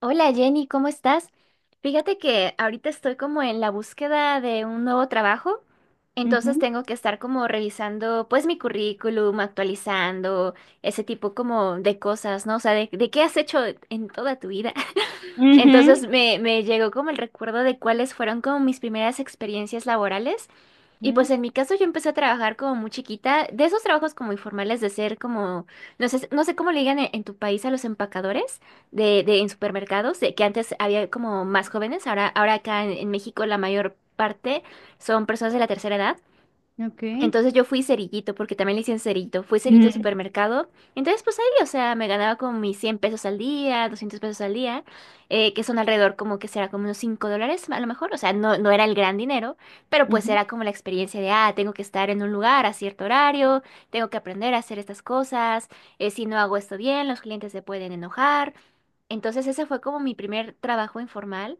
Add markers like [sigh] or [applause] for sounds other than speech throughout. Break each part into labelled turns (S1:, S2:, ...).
S1: Hola Jenny, ¿cómo estás? Fíjate que ahorita estoy como en la búsqueda de un nuevo trabajo, entonces
S2: Ujú,
S1: tengo que estar como revisando pues mi currículum, actualizando ese tipo como de cosas, ¿no? O sea, de qué has hecho en toda tu vida. [laughs]
S2: ujú,
S1: Entonces me llegó como el recuerdo de cuáles fueron como mis primeras experiencias laborales. Y pues
S2: ujú,
S1: en mi caso yo empecé a trabajar como muy chiquita, de esos trabajos como informales de ser como, no sé, no sé cómo le digan en tu país a los empacadores de en supermercados, de que antes había como más jóvenes, ahora, ahora acá en México la mayor parte son personas de la tercera edad.
S2: ok.
S1: Entonces yo fui cerillito, porque también le dicen cerito. Fui cerillito de
S2: Mm,
S1: supermercado. Entonces, pues ahí, o sea, me ganaba como mis 100 pesos al día, 200 pesos al día, que son alrededor como que será como unos 5 dólares a lo mejor. O sea, no, no era el gran dinero, pero pues
S2: ujú.
S1: era como la experiencia de, ah, tengo que estar en un lugar a cierto horario, tengo que aprender a hacer estas cosas, si no hago esto bien, los clientes se pueden enojar. Entonces ese fue como mi primer trabajo informal.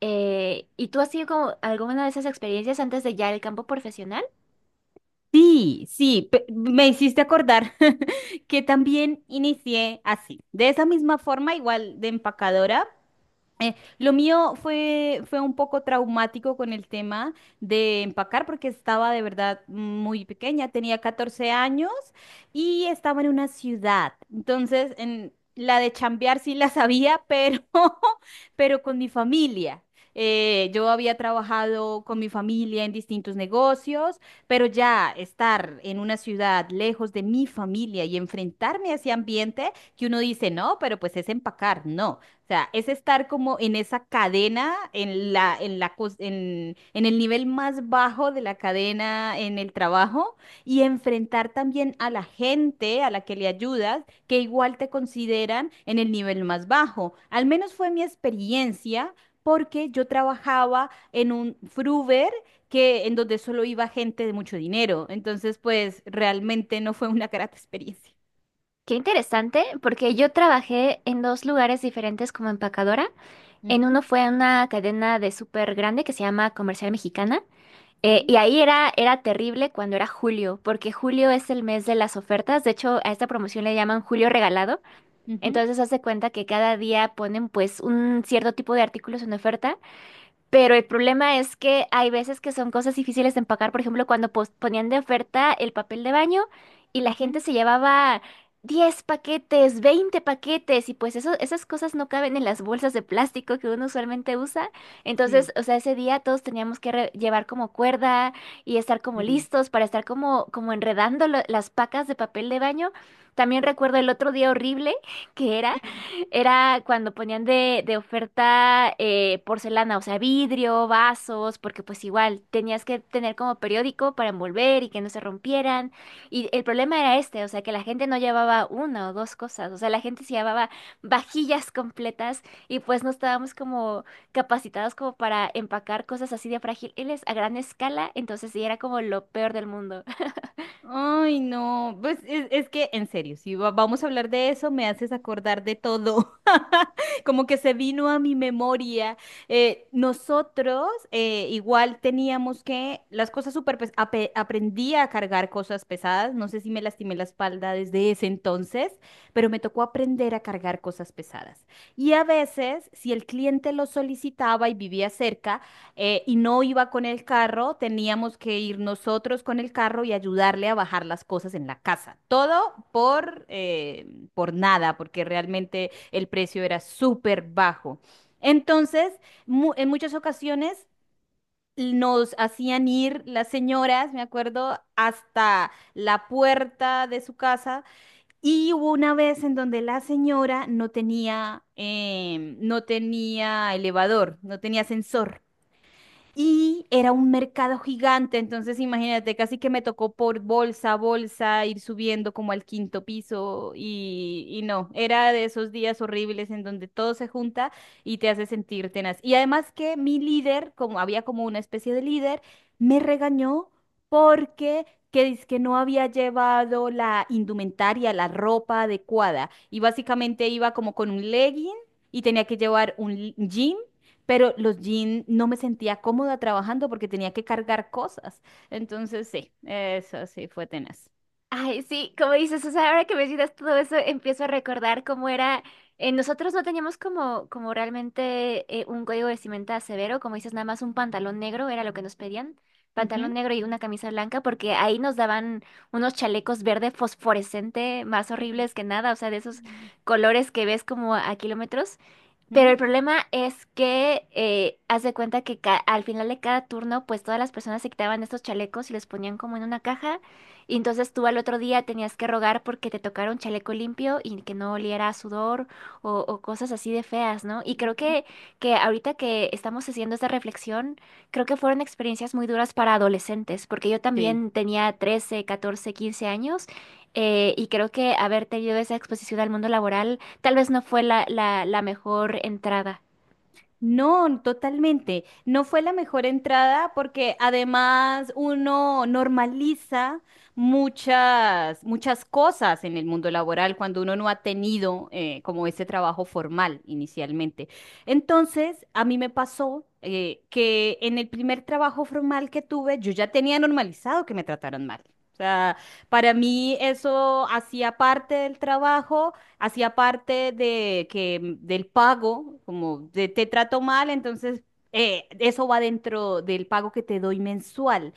S1: ¿Y tú has tenido como alguna de esas experiencias antes de ya el campo profesional?
S2: Sí, sí, me hiciste acordar [laughs] que también inicié así, de esa misma forma, igual de empacadora. Lo mío fue un poco traumático con el tema de empacar porque estaba de verdad muy pequeña, tenía 14 años y estaba en una ciudad. Entonces, en la de chambear sí la sabía, pero, [laughs] pero con mi familia. Yo había trabajado con mi familia en distintos negocios, pero ya estar en una ciudad lejos de mi familia y enfrentarme a ese ambiente que uno dice, no, pero pues es empacar, no. O sea, es estar como en esa cadena, en el nivel más bajo de la cadena en el trabajo y enfrentar también a la gente a la que le ayudas, que igual te consideran en el nivel más bajo. Al menos fue mi experiencia porque yo trabajaba en un fruver que en donde solo iba gente de mucho dinero. Entonces, pues realmente no fue una [laughs] grata experiencia.
S1: Qué interesante, porque yo trabajé en dos lugares diferentes como empacadora. En
S2: Ujú,
S1: uno fue en una cadena de súper grande que se llama Comercial Mexicana.
S2: sí,
S1: Y ahí era, era terrible cuando era julio, porque julio es el mes de las ofertas. De hecho, a esta promoción le llaman julio regalado.
S2: ujú,
S1: Entonces, hace cuenta que cada día ponen pues un cierto tipo de artículos en oferta, pero el problema es que hay veces que son cosas difíciles de empacar. Por ejemplo, cuando ponían de oferta el papel de baño y la gente
S2: ujú,
S1: se llevaba 10 paquetes, 20 paquetes, y pues eso, esas cosas no caben en las bolsas de plástico que uno usualmente usa. Entonces, o sea, ese día todos teníamos que llevar como cuerda y estar como
S2: sí.
S1: listos para estar como, como enredando las pacas de papel de baño. También recuerdo el otro día horrible que era. Era cuando ponían de oferta porcelana, o sea, vidrio, vasos, porque pues igual tenías que tener como periódico para envolver y que no se rompieran. Y el problema era este, o sea, que la gente no llevaba una o dos cosas, o sea, la gente se llevaba vajillas completas y pues no estábamos como capacitados como para empacar cosas así de frágiles a gran escala, entonces sí era como lo peor del mundo.
S2: Ay, no, pues es que en serio, si vamos a hablar de eso, me haces acordar de todo, [laughs] como que se vino a mi memoria. Nosotros igual teníamos que, las cosas súper, aprendí a cargar cosas pesadas, no sé si me lastimé la espalda desde ese entonces, pero me tocó aprender a cargar cosas pesadas. Y a veces, si el cliente lo solicitaba y vivía cerca, y no iba con el carro, teníamos que ir nosotros con el carro y ayudarle a bajar las cosas en la casa. Todo por nada, porque realmente el precio era súper bajo. Entonces, en muchas ocasiones nos hacían ir las señoras, me acuerdo, hasta la puerta de su casa. Y hubo una vez en donde la señora no tenía, no tenía elevador, no tenía ascensor. Y era un mercado gigante, entonces imagínate, casi que me tocó por bolsa a bolsa ir subiendo como al quinto piso y no, era de esos días horribles en donde todo se junta y te hace sentir tenaz. Y además que mi líder, como había como una especie de líder, me regañó porque que dizque no había llevado la indumentaria, la ropa adecuada y básicamente iba como con un legging y tenía que llevar un jean pero los jeans no me sentía cómoda trabajando porque tenía que cargar cosas. Entonces, sí, eso sí fue tenaz.
S1: Ay, sí, como dices, o sea, ahora que me dices todo eso, empiezo a recordar cómo era. Nosotros no teníamos como, como realmente un código vestimenta severo, como dices, nada más un pantalón negro era lo que nos pedían,
S2: Ujú.
S1: pantalón negro y una camisa blanca, porque ahí nos daban unos chalecos verde fosforescente más
S2: Sí.
S1: horribles que nada, o sea, de esos colores que ves como a kilómetros. Pero el
S2: Ujú.
S1: problema es que haz de cuenta que al final de cada turno, pues todas las personas se quitaban estos chalecos y los ponían como en una caja. Y entonces tú al otro día tenías que rogar porque te tocara un chaleco limpio y que no oliera a sudor o cosas así de feas, ¿no? Y que ahorita que estamos haciendo esta reflexión, creo que fueron experiencias muy duras para adolescentes, porque yo
S2: Sí.
S1: también tenía 13, 14, 15 años, y creo que haber tenido esa exposición al mundo laboral tal vez no fue la mejor entrada.
S2: No, totalmente. No fue la mejor entrada porque además uno normaliza muchas, muchas cosas en el mundo laboral cuando uno no ha tenido como ese trabajo formal inicialmente. Entonces, a mí me pasó que en el primer trabajo formal que tuve, yo ya tenía normalizado que me trataron mal. O sea, para mí eso hacía parte del trabajo hacía parte de que del pago, como de, te trato mal, entonces eso va dentro del pago que te doy mensual.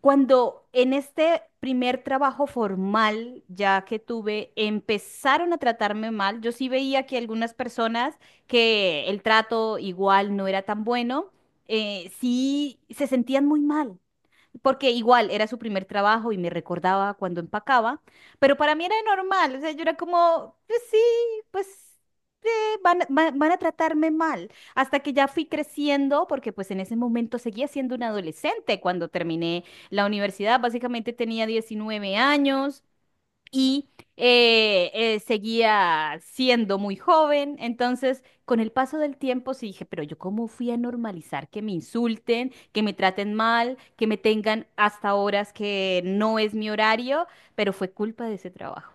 S2: Cuando en este primer trabajo formal ya que tuve, empezaron a tratarme mal, yo sí veía que algunas personas que el trato igual no era tan bueno, sí se sentían muy mal porque igual era su primer trabajo y me recordaba cuando empacaba, pero para mí era normal, o sea, yo era como, pues sí, pues van a tratarme mal, hasta que ya fui creciendo, porque pues en ese momento seguía siendo una adolescente cuando terminé la universidad, básicamente tenía 19 años y seguía siendo muy joven. Entonces, con el paso del tiempo, sí dije, pero yo cómo fui a normalizar que me insulten, que me traten mal, que me tengan hasta horas que no es mi horario, pero fue culpa de ese trabajo.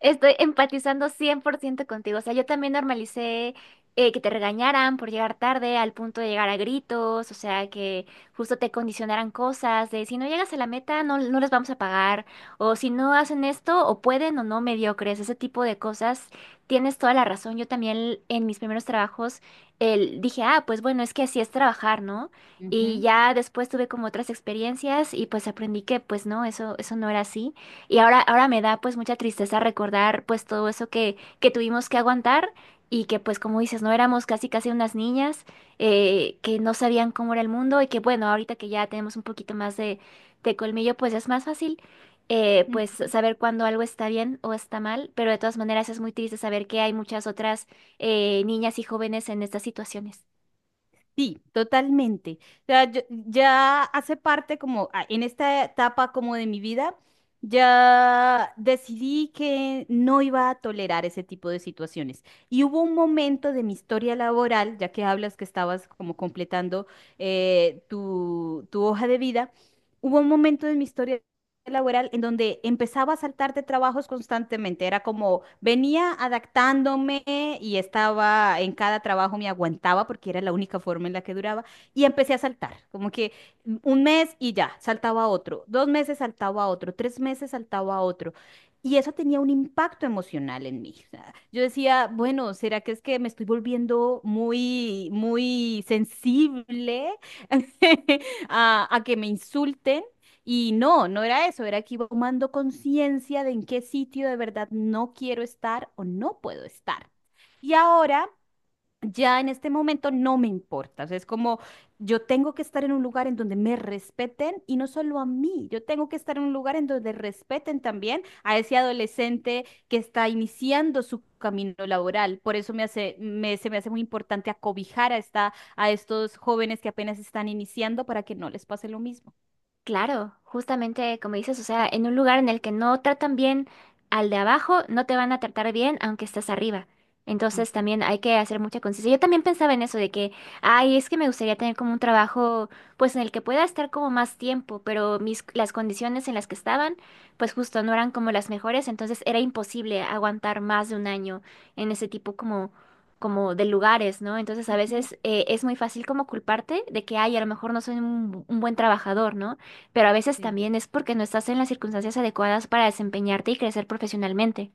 S1: Estoy empatizando 100% contigo. O sea, yo también normalicé que te regañaran por llegar tarde al punto de llegar a gritos, o sea, que justo te condicionaran cosas de si no llegas a la meta no, no les vamos a pagar, o si no hacen esto o pueden o no mediocres, ese tipo de cosas. Tienes toda la razón. Yo también en mis primeros trabajos dije, ah, pues bueno, es que así es trabajar, ¿no? Y ya después tuve como otras experiencias y pues aprendí que pues no, eso no era así. Y ahora, ahora me da pues mucha tristeza recordar pues todo eso que tuvimos que aguantar y que pues como dices, no éramos casi casi unas niñas, que no sabían cómo era el mundo y que bueno, ahorita que ya tenemos un poquito más de colmillo, pues es más fácil, pues
S2: Ujú.
S1: saber cuándo algo está bien o está mal, pero de todas maneras es muy triste saber que hay muchas otras niñas y jóvenes en estas situaciones.
S2: Sí, totalmente. O sea, ya hace parte como ah, en esta etapa como de mi vida, ya decidí que no iba a tolerar ese tipo de situaciones. Y hubo un momento de mi historia laboral, ya que hablas que estabas como completando tu hoja de vida, hubo un momento de mi historia laboral en donde empezaba a saltar de trabajos constantemente. Era como venía adaptándome y estaba en cada trabajo me aguantaba porque era la única forma en la que duraba y empecé a saltar, como que un mes y ya, saltaba a otro, 2 meses saltaba a otro, 3 meses saltaba a otro. Y eso tenía un impacto emocional en mí. O sea, yo decía, bueno, ¿será que es que me estoy volviendo muy, muy sensible [laughs] a que me insulten? Y no, no era eso, era que iba tomando conciencia de en qué sitio de verdad no quiero estar o no puedo estar. Y ahora, ya en este momento, no me importa. O sea, es como yo tengo que estar en un lugar en donde me respeten y no solo a mí, yo tengo que estar en un lugar en donde respeten también a ese adolescente que está iniciando su camino laboral. Por eso se me hace muy importante acobijar a estos jóvenes que apenas están iniciando para que no les pase lo mismo.
S1: Claro, justamente como dices, o sea, en un lugar en el que no tratan bien al de abajo, no te van a tratar bien aunque estás arriba. Entonces
S2: Ujú,
S1: también hay que hacer mucha conciencia. Yo también pensaba en eso de que, ay, es que me gustaría tener como un trabajo, pues en el que pueda estar como más tiempo, pero mis, las condiciones en las que estaban, pues justo no eran como las mejores, entonces era imposible aguantar más de un año en ese tipo como como de lugares, ¿no? Entonces a
S2: ujú.
S1: veces es muy fácil como culparte de que, ay, a lo mejor no soy un buen trabajador, ¿no? Pero a veces
S2: Sí,
S1: también es porque no estás en las circunstancias adecuadas para desempeñarte y crecer profesionalmente.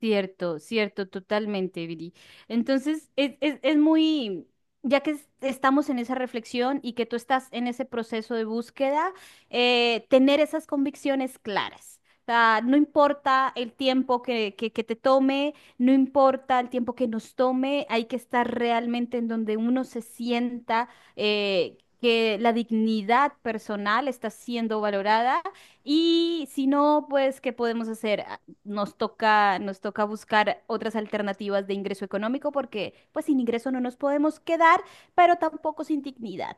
S2: cierto, cierto, totalmente, Viri. Entonces, es muy, ya que estamos en esa reflexión y que tú estás en ese proceso de búsqueda, tener esas convicciones claras. O sea, no importa el tiempo que te tome, no importa el tiempo que nos tome, hay que estar realmente en donde uno se sienta que la dignidad personal está siendo valorada. Y si no, pues, ¿qué podemos hacer? Nos toca, nos toca buscar otras alternativas de ingreso económico porque pues sin ingreso no nos podemos quedar, pero tampoco sin dignidad.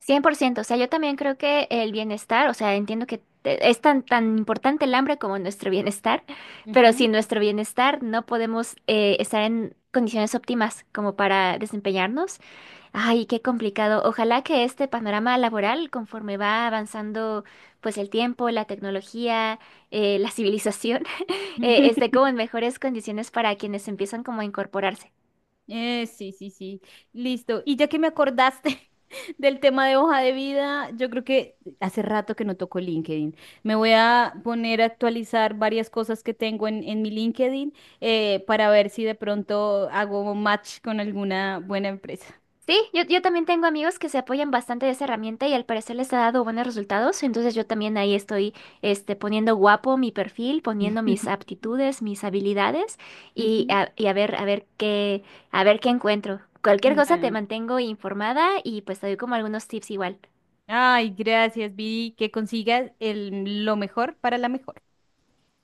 S1: 100%. O sea, yo también creo que el bienestar, o sea, entiendo que es tan, tan importante el hambre como nuestro bienestar, [laughs] pero
S2: Ujú.
S1: sin nuestro bienestar no podemos estar en condiciones óptimas como para desempeñarnos. Ay, qué complicado. Ojalá que este panorama laboral, conforme va avanzando, pues el tiempo, la tecnología, la civilización, [laughs] esté
S2: [laughs]
S1: como en mejores condiciones para quienes empiezan como a incorporarse.
S2: Sí, sí, sí. Listo. Y ya que me acordaste [laughs] del tema de hoja de vida, yo creo que hace rato que no toco LinkedIn. Me voy a poner a actualizar varias cosas que tengo en mi LinkedIn para ver si de pronto hago match con alguna buena empresa.
S1: Sí, yo también tengo amigos que se apoyan bastante de esa herramienta y al parecer les ha dado buenos resultados, entonces yo también ahí estoy este, poniendo guapo mi perfil, poniendo mis
S2: [laughs]
S1: aptitudes, mis habilidades
S2: Ujú.
S1: y a ver qué encuentro. Cualquier cosa te
S2: Ah,
S1: mantengo informada y pues te doy como algunos tips igual.
S2: ay, gracias, Viri, que consigas lo mejor para la mejor.